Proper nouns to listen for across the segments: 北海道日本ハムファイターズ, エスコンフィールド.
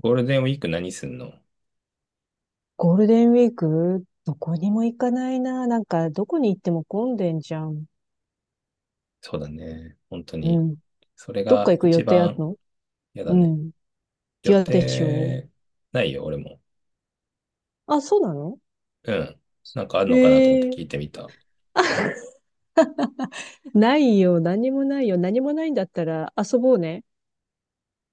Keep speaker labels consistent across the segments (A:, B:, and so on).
A: ゴールデンウィーク何すんの？
B: ゴールデンウィーク、どこにも行かないな。なんか、どこに行っても混んでんじゃん。
A: そうだね。本当
B: う
A: に。
B: ん。
A: それ
B: どっか
A: が
B: 行く予
A: 一
B: 定ある
A: 番
B: の？
A: 嫌だ
B: う
A: ね。
B: ん。
A: 予
B: 嫌でしょ？
A: 定ないよ、俺も。
B: あ、そうなの？
A: うん。なんかあるのかなと思っ
B: へ
A: て
B: え。
A: 聞いてみた。
B: ないよ。何もないよ。何もないんだったら遊ぼうね。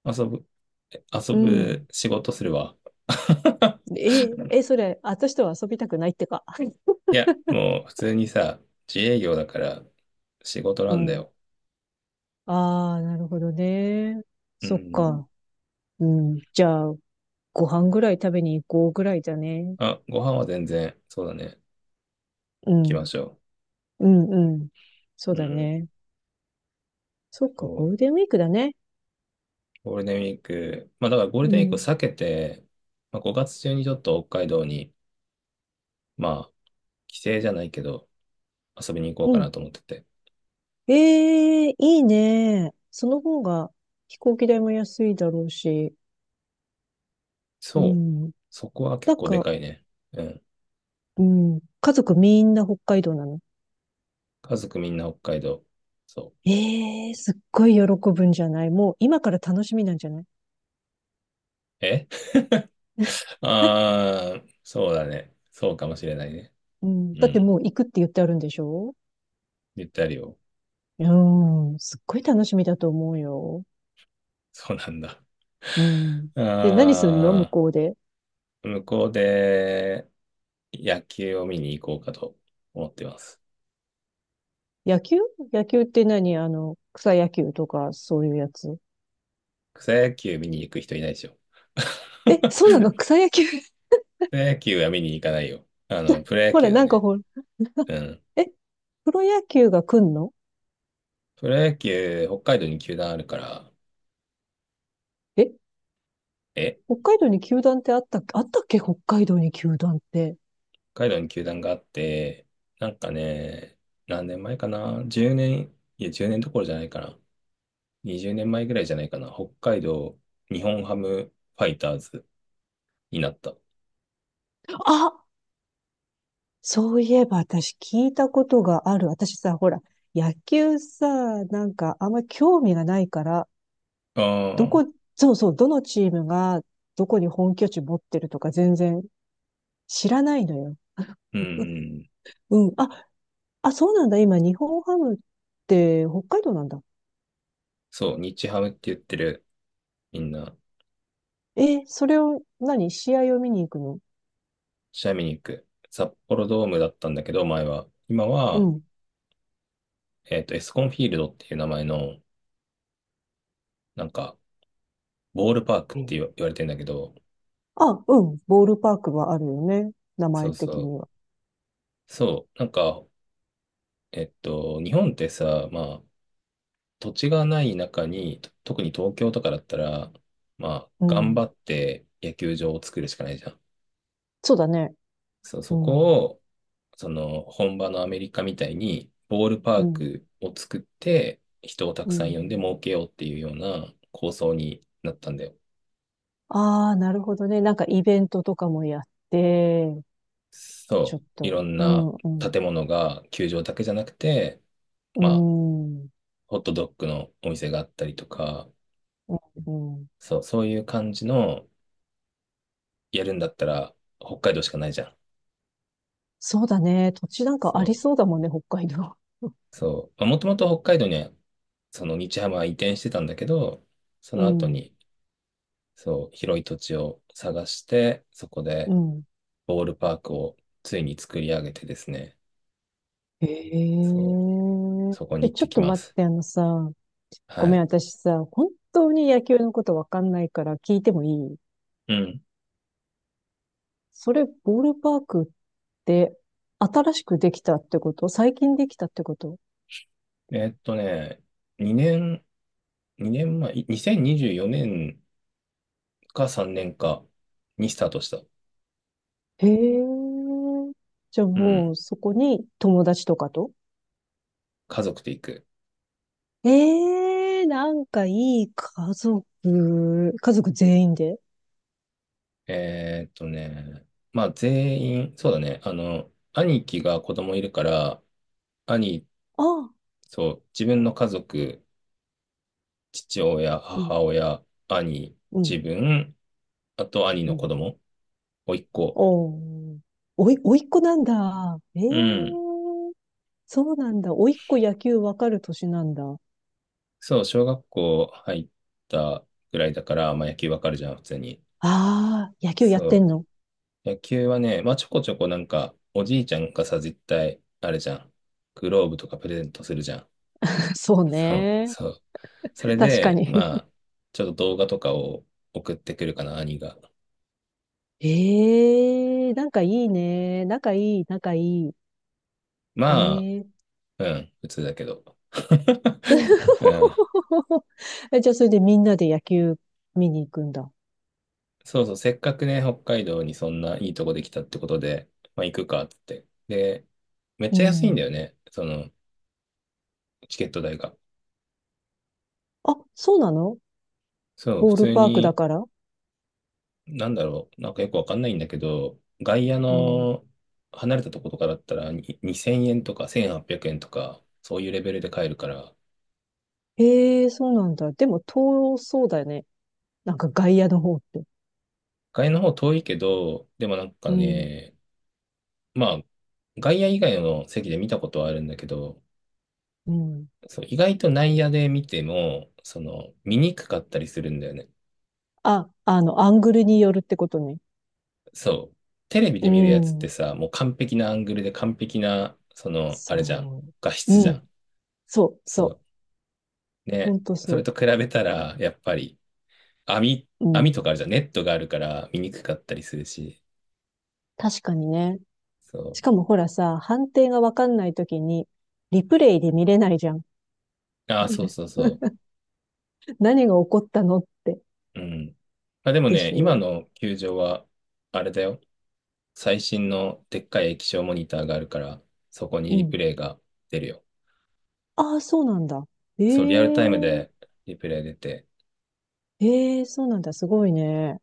A: 遊ぶ、え遊
B: う
A: ぶ
B: ん。
A: 仕事するわ。
B: え、え、それ、私とは遊びたくないってか。
A: いや、もう普通にさ、自営業だから仕事
B: う
A: なんだ
B: ん。
A: よ。
B: ああ、なるほどね。
A: う
B: そっ
A: ん。
B: か。うん。じゃあ、ご飯ぐらい食べに行こうぐらいだね。
A: あ、ご飯は全然、そうだね。行
B: う
A: きま
B: ん。
A: しょ
B: うん、うん。そう
A: う。う
B: だ
A: ん。
B: ね。そっ
A: そ
B: か、ゴ
A: う。
B: ールデンウィークだね。
A: ゴールデンウィーク、まあだからゴー
B: う
A: ルデンウィークを
B: ん。
A: 避けて、まあ、5月中にちょっと北海道に、まあ、帰省じゃないけど、遊びに行こう
B: う
A: かな
B: ん。
A: と思ってて。
B: ええ、いいね。その方が飛行機代も安いだろうし。う
A: そう。
B: ん。
A: そこは結
B: なん
A: 構で
B: か、
A: かいね。うん。
B: うん。家族みんな北海道なの？
A: 家族みんな北海道。そ
B: ええ、すっごい喜ぶんじゃない？もう今から楽しみなんじゃない？
A: う。あー、そうだね。そうかもしれないね。
B: うん。
A: う
B: だって
A: ん。
B: もう行くって言ってあるんでしょ？
A: 言ってあるよ。
B: うん。すっごい楽しみだと思うよ。
A: そうなんだ。
B: うん。で、何すんの向
A: あ
B: こうで。
A: ー、向こうで野球を見に行こうかと思ってます。
B: 野球？野球って何、あの、草野球とかそういうやつ？
A: 草野球見に行く人いないでしょ。
B: え、そうなの？草野球？
A: プロ野球は見に行かないよ。プロ野
B: ほら、
A: 球だ
B: なんか
A: ね。
B: ほら、
A: うん。
B: え、プロ野球が来んの？
A: プロ野球、北海道に球団あるから、
B: え、
A: え
B: 北海道に球団ってあったっけ、あったっけ北海道に球団って。
A: 北海道に球団があって、なんかね、何年前かな ?10 年、いや、10年どころじゃないかな。20年前ぐらいじゃないかな。北海道日本ハムファイターズになった。あ
B: あ、そういえば私聞いたことがある。私さ、ほら、野球さ、なんかあんまり興味がないから、ど
A: あ、
B: こ、そうそう、どのチームがどこに本拠地持ってるとか全然知らないのよ。
A: うんう
B: う
A: ん。
B: うん。あ、あ、そうなんだ。今、日本ハムって北海道なんだ。
A: そう、日ハムって言ってる、みんな。
B: え、それを、何試合を見に行くの？
A: 試合見に行く。札幌ドームだったんだけど、前は。今
B: う
A: は、
B: ん。
A: エスコンフィールドっていう名前の、なんか、ボールパークって言われてんだけど、
B: あ、うん。ボールパークはあるよね。名
A: そ
B: 前
A: うそ
B: 的
A: う。
B: には。
A: そう、なんか、日本ってさ、まあ、土地がない中に、特に東京とかだったら、まあ、
B: う
A: 頑張
B: ん。
A: って野球場を作るしかないじゃん。
B: そうだね。
A: そう、
B: う
A: そこ
B: ん。
A: を、本場のアメリカみたいに、ボールパ
B: う
A: ー
B: ん。
A: クを作って、人をた
B: う
A: くさん
B: ん。
A: 呼んで儲けようっていうような構想になったんだよ。
B: ああ、なるほどね。なんかイベントとかもやって、ちょ
A: そ
B: っ
A: う、いろ
B: と、
A: ん
B: う
A: な
B: ん、うん。
A: 建物が球場だけじゃなくて、
B: う
A: まあ、
B: ん。う
A: ホットドッグのお店があったりとか、
B: ん、うん。
A: そう、そういう感じの、やるんだったら、北海道しかないじゃん。
B: そうだね。土地なんかあり
A: そ
B: そうだもんね、北海道。
A: う、そう。まあもともと北海道には、その日ハムは移転してたんだけど、そ
B: う
A: の後
B: ん。
A: に、そう、広い土地を探して、そこで
B: うん。
A: ボールパークをついに作り上げてですね、
B: へ
A: そう、
B: え。
A: そこに
B: え、
A: 行っ
B: ちょ
A: て
B: っ
A: き
B: と
A: ま
B: 待っ
A: す。
B: て、あのさ、ご
A: は
B: めん、
A: い。
B: 私さ、本当に野球のことわかんないから聞いてもいい？
A: うん。
B: それ、ボールパークって新しくできたってこと？最近できたってこと？
A: えーっとね、2年、2年前、2024年か3年かにスタートした。
B: へえ。じゃあ
A: うん。
B: もうそこに友達とか？と、
A: 家族で行く。
B: ええ、なんかいい、家族、家族全員で。
A: えーっとね、まあ全員、そうだね、兄貴が子供いるから、兄、
B: ああ、
A: そう、自分の家族、父親、
B: うん、
A: 母親、兄、
B: うん、
A: 自分、あと兄
B: う
A: の子
B: ん。
A: 供、甥っ子。
B: おー、おい、おいっ子なんだ。ええ、
A: うん。
B: そうなんだ。おいっ子野球わかる年なんだ。あ
A: そう、小学校入ったぐらいだから、まあ野球わかるじゃん、普通に。
B: あ、野球やってん
A: そ
B: の？
A: う。野球はね、まあちょこちょこなんか、おじいちゃんがさ、絶対、あれじゃん。グローブとかプレゼントするじゃん。
B: そう
A: そう、
B: ね。
A: そう。それ
B: 確か
A: で、
B: に。
A: まあ、ちょっと動画とかを送ってくるかな、兄が。
B: ええ、仲いいね。仲いい、仲いい。
A: まあ、
B: ええ。
A: うん、普通だけど。うん。
B: え、じゃあ、それでみんなで野球見に行くんだ。
A: そうそう、せっかくね、北海道にそんないいとこできたってことで、まあ行くかっつって。で、めっ
B: う
A: ちゃ安いんだ
B: ん。
A: よね、チケット代が。
B: あ、そうなの？
A: そう、
B: ボ
A: 普
B: ール
A: 通
B: パークだ
A: に、
B: から。
A: なんだろう、なんかよくわかんないんだけど、外野
B: うん。
A: の離れたとことかだったらに2000円とか1800円とか、そういうレベルで買えるから、
B: ええ、そうなんだ。でも、遠そうだよね。なんか外野の方って。
A: 外の方遠いけど、でもなん
B: う
A: か
B: ん。
A: ね、まあ、外野以外の席で見たことはあるんだけど、
B: うん。
A: そう、意外と内野で見ても、見にくかったりするんだよね。
B: あ、あの、アングルによるってことね。
A: そう。テレビ
B: う
A: で見るやつって
B: ん。
A: さ、もう完璧なアングルで完璧な、あれじゃん。
B: そ
A: 画
B: う。
A: 質じ
B: う
A: ゃ
B: ん。
A: ん。
B: そう、そう。
A: そう。
B: ほ
A: ね。
B: んと
A: そ
B: そ
A: れ
B: う。
A: と比べたら、やっぱり、網、
B: う
A: 網と
B: ん。
A: かあるじゃん。ネットがあるから見にくかったりするし。
B: 確かにね。
A: そ
B: しかもほらさ、判定がわかんないときに、リプレイで見れないじゃん。
A: う。ああ、そう そうそ
B: 何が起こったのって。
A: う。うん。まあでも
B: で
A: ね、
B: し
A: 今
B: ょ
A: の球場は、あれだよ。最新のでっかい液晶モニターがあるから、そこに
B: う？う
A: リ
B: ん。
A: プレイが出るよ。
B: ああ、そうなんだ。え
A: そう、リアルタイム
B: え、
A: でリプレイ出て、
B: ええ、そうなんだ。すごいね。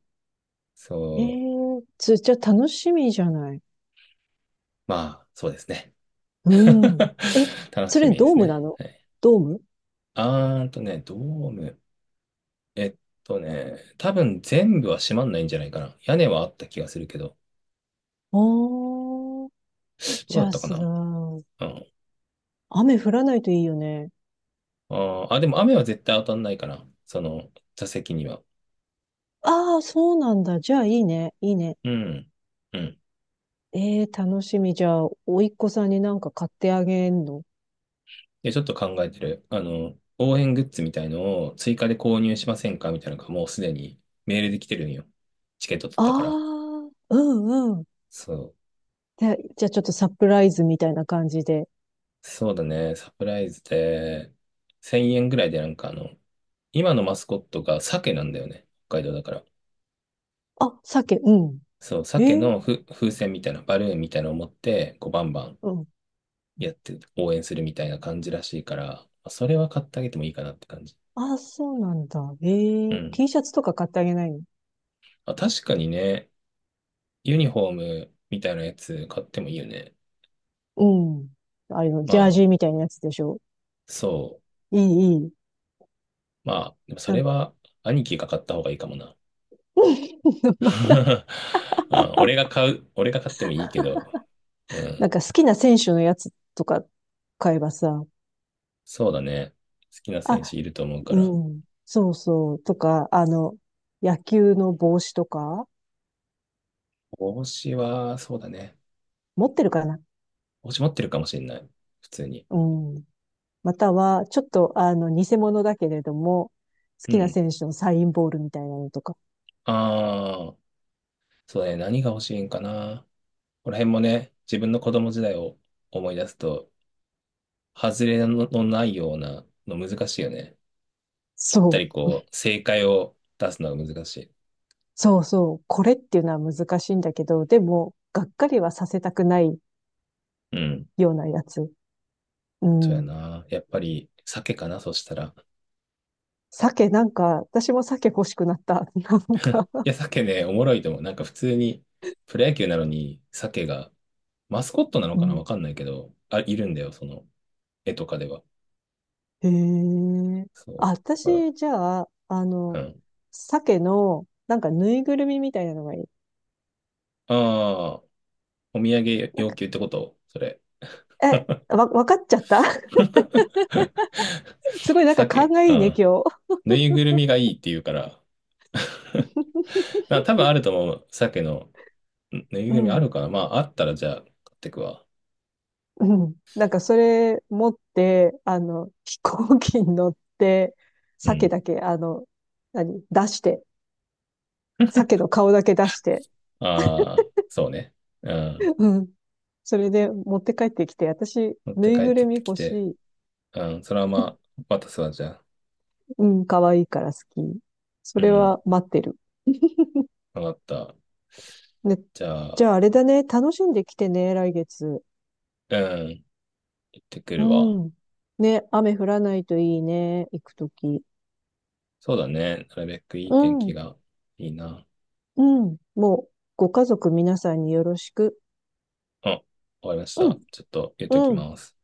A: そ
B: え
A: う、
B: え、つ、じゃあ楽しみじゃない。
A: まあ、そうですね。
B: うん。え、
A: 楽
B: そ
A: し
B: れ
A: みで
B: ドー
A: す
B: ムな
A: ね。
B: の？
A: はい、
B: ドーム？
A: あーんとね、ドーム。えっ多分全部は閉まんないんじゃないかな。屋根はあった気がするけど、
B: ああー、
A: ど
B: じ
A: うだ
B: ゃ
A: っ
B: あ
A: たか
B: さ、
A: な。うん。
B: 雨降らないといいよね。
A: あーあ、でも雨は絶対当たんないかな。その座席には。
B: ああ、そうなんだ。じゃあいいね。いいね。
A: うん。うん
B: ええ、楽しみ。じゃあ、甥っ子さんになんか買ってあげんの？
A: で、ちょっと考えてる。応援グッズみたいのを追加で購入しませんかみたいなのがもうすでにメールで来てるんよ。チケット取っ
B: あ
A: たから。
B: あ、うんうん。
A: そう。
B: で、じゃあちょっとサプライズみたいな感じで。
A: そうだね。サプライズで、1000円ぐらいでなんか今のマスコットが鮭なんだよね。北海道だから。
B: あ、鮭、うん。
A: そう、
B: え
A: 鮭
B: ー、
A: の風船みたいな、バルーンみたいなのを持って、こうバンバン
B: うん。
A: やって応援するみたいな感じらしいから、それは買ってあげてもいいかなって感じ。
B: あ、そうなんだ。え
A: う
B: ー、
A: ん。
B: T シャツとか買ってあげないの？
A: あ、確かにね、ユニフォームみたいなやつ買ってもいいよね。
B: うん。あれの、
A: ま
B: ジャー
A: あ、
B: ジーみたいなやつでしょ。
A: そう。
B: いい、いい。
A: まあ、でもそ
B: な
A: れ
B: んか。
A: は兄貴が買った方がいいかもな。
B: まだ、
A: あ俺が買う、俺が買ってもいいけど、う
B: な
A: ん。
B: んか好きな選手のやつとか買えばさ。
A: そうだね。好きな
B: あ、
A: 選手いると思うから。
B: うん。そうそう。とか、あの、野球の帽子とか、
A: 帽子は、そうだね。
B: 持ってるかな？
A: 帽子持ってるかもしれない。普通に。
B: うん。または、ちょっと、あの、偽物だけれども、好
A: う
B: きな
A: ん。
B: 選手のサインボールみたいなのとか。
A: ああ、そうだね。何が欲しいんかな。この辺もね、自分の子供時代を思い出すと、外れののないようなの難しいよね。ぴった
B: そ
A: り
B: う。
A: こう、正解を出すのが難しい。
B: そうそう。これっていうのは難しいんだけど、でも、がっかりはさせたくない
A: うん。
B: ようなやつ。う
A: そうや
B: ん。
A: な。やっぱり、鮭かな、そしたら。
B: 鮭、なんか、私も鮭欲しくなった。なんか、
A: いや、鮭ね、おもろいと思う。なんか普通に、プロ野球なのに、鮭が、マスコットなの
B: う
A: かな
B: ん。
A: わかんないけど、あ、いるんだよ、その、絵とかでは。
B: へえ。
A: そう。
B: あ、
A: だか
B: 私、じゃあ、あ
A: ら、う
B: の、
A: ん。
B: 鮭の、なんかぬいぐるみみたいなのがいい。
A: ああ、お土産
B: なん
A: 要
B: か、
A: 求ってことそれ。
B: え、わ、わかっちゃった。 すごいなんか勘
A: 鮭、
B: が
A: う
B: いいね、
A: ん。
B: 今日。
A: ぬいぐるみがいいって言うから。まあ、多分あると思う。鮭の、ぬい
B: う
A: ぐるみあ
B: ん。
A: るかなまあ、あったらじゃあ、買ってくわ。
B: うん。なんかそれ持って、あの、飛行機に乗って、
A: う
B: 鮭
A: ん。
B: だけ、あの、何、出して、鮭の顔だけ出して、
A: ああ、そうね。うん。
B: うん。それで持って帰ってきて、私、
A: 持っ
B: ぬ
A: て
B: い
A: 帰っ
B: ぐ
A: て
B: るみ
A: き
B: 欲し
A: て、
B: い。
A: うん、それはまあ、渡すわ、じゃあ。
B: うん、可愛いから好き。そ
A: う
B: れ
A: ん、
B: は待ってる。
A: わかった。
B: ね、
A: じゃ
B: じ
A: あ、
B: ゃああれだね、楽しんできてね、来月。
A: うん、行ってく
B: う
A: るわ。
B: ん。ね、雨降らないといいね、行くとき。
A: そうだね。なるべくいい
B: う
A: 天気
B: ん、
A: がいいな。
B: うん。もう、ご家族皆さんによろしく。
A: あ、終わりまし
B: う
A: た。
B: ん、
A: ちょっと言っとき
B: うん。
A: ます。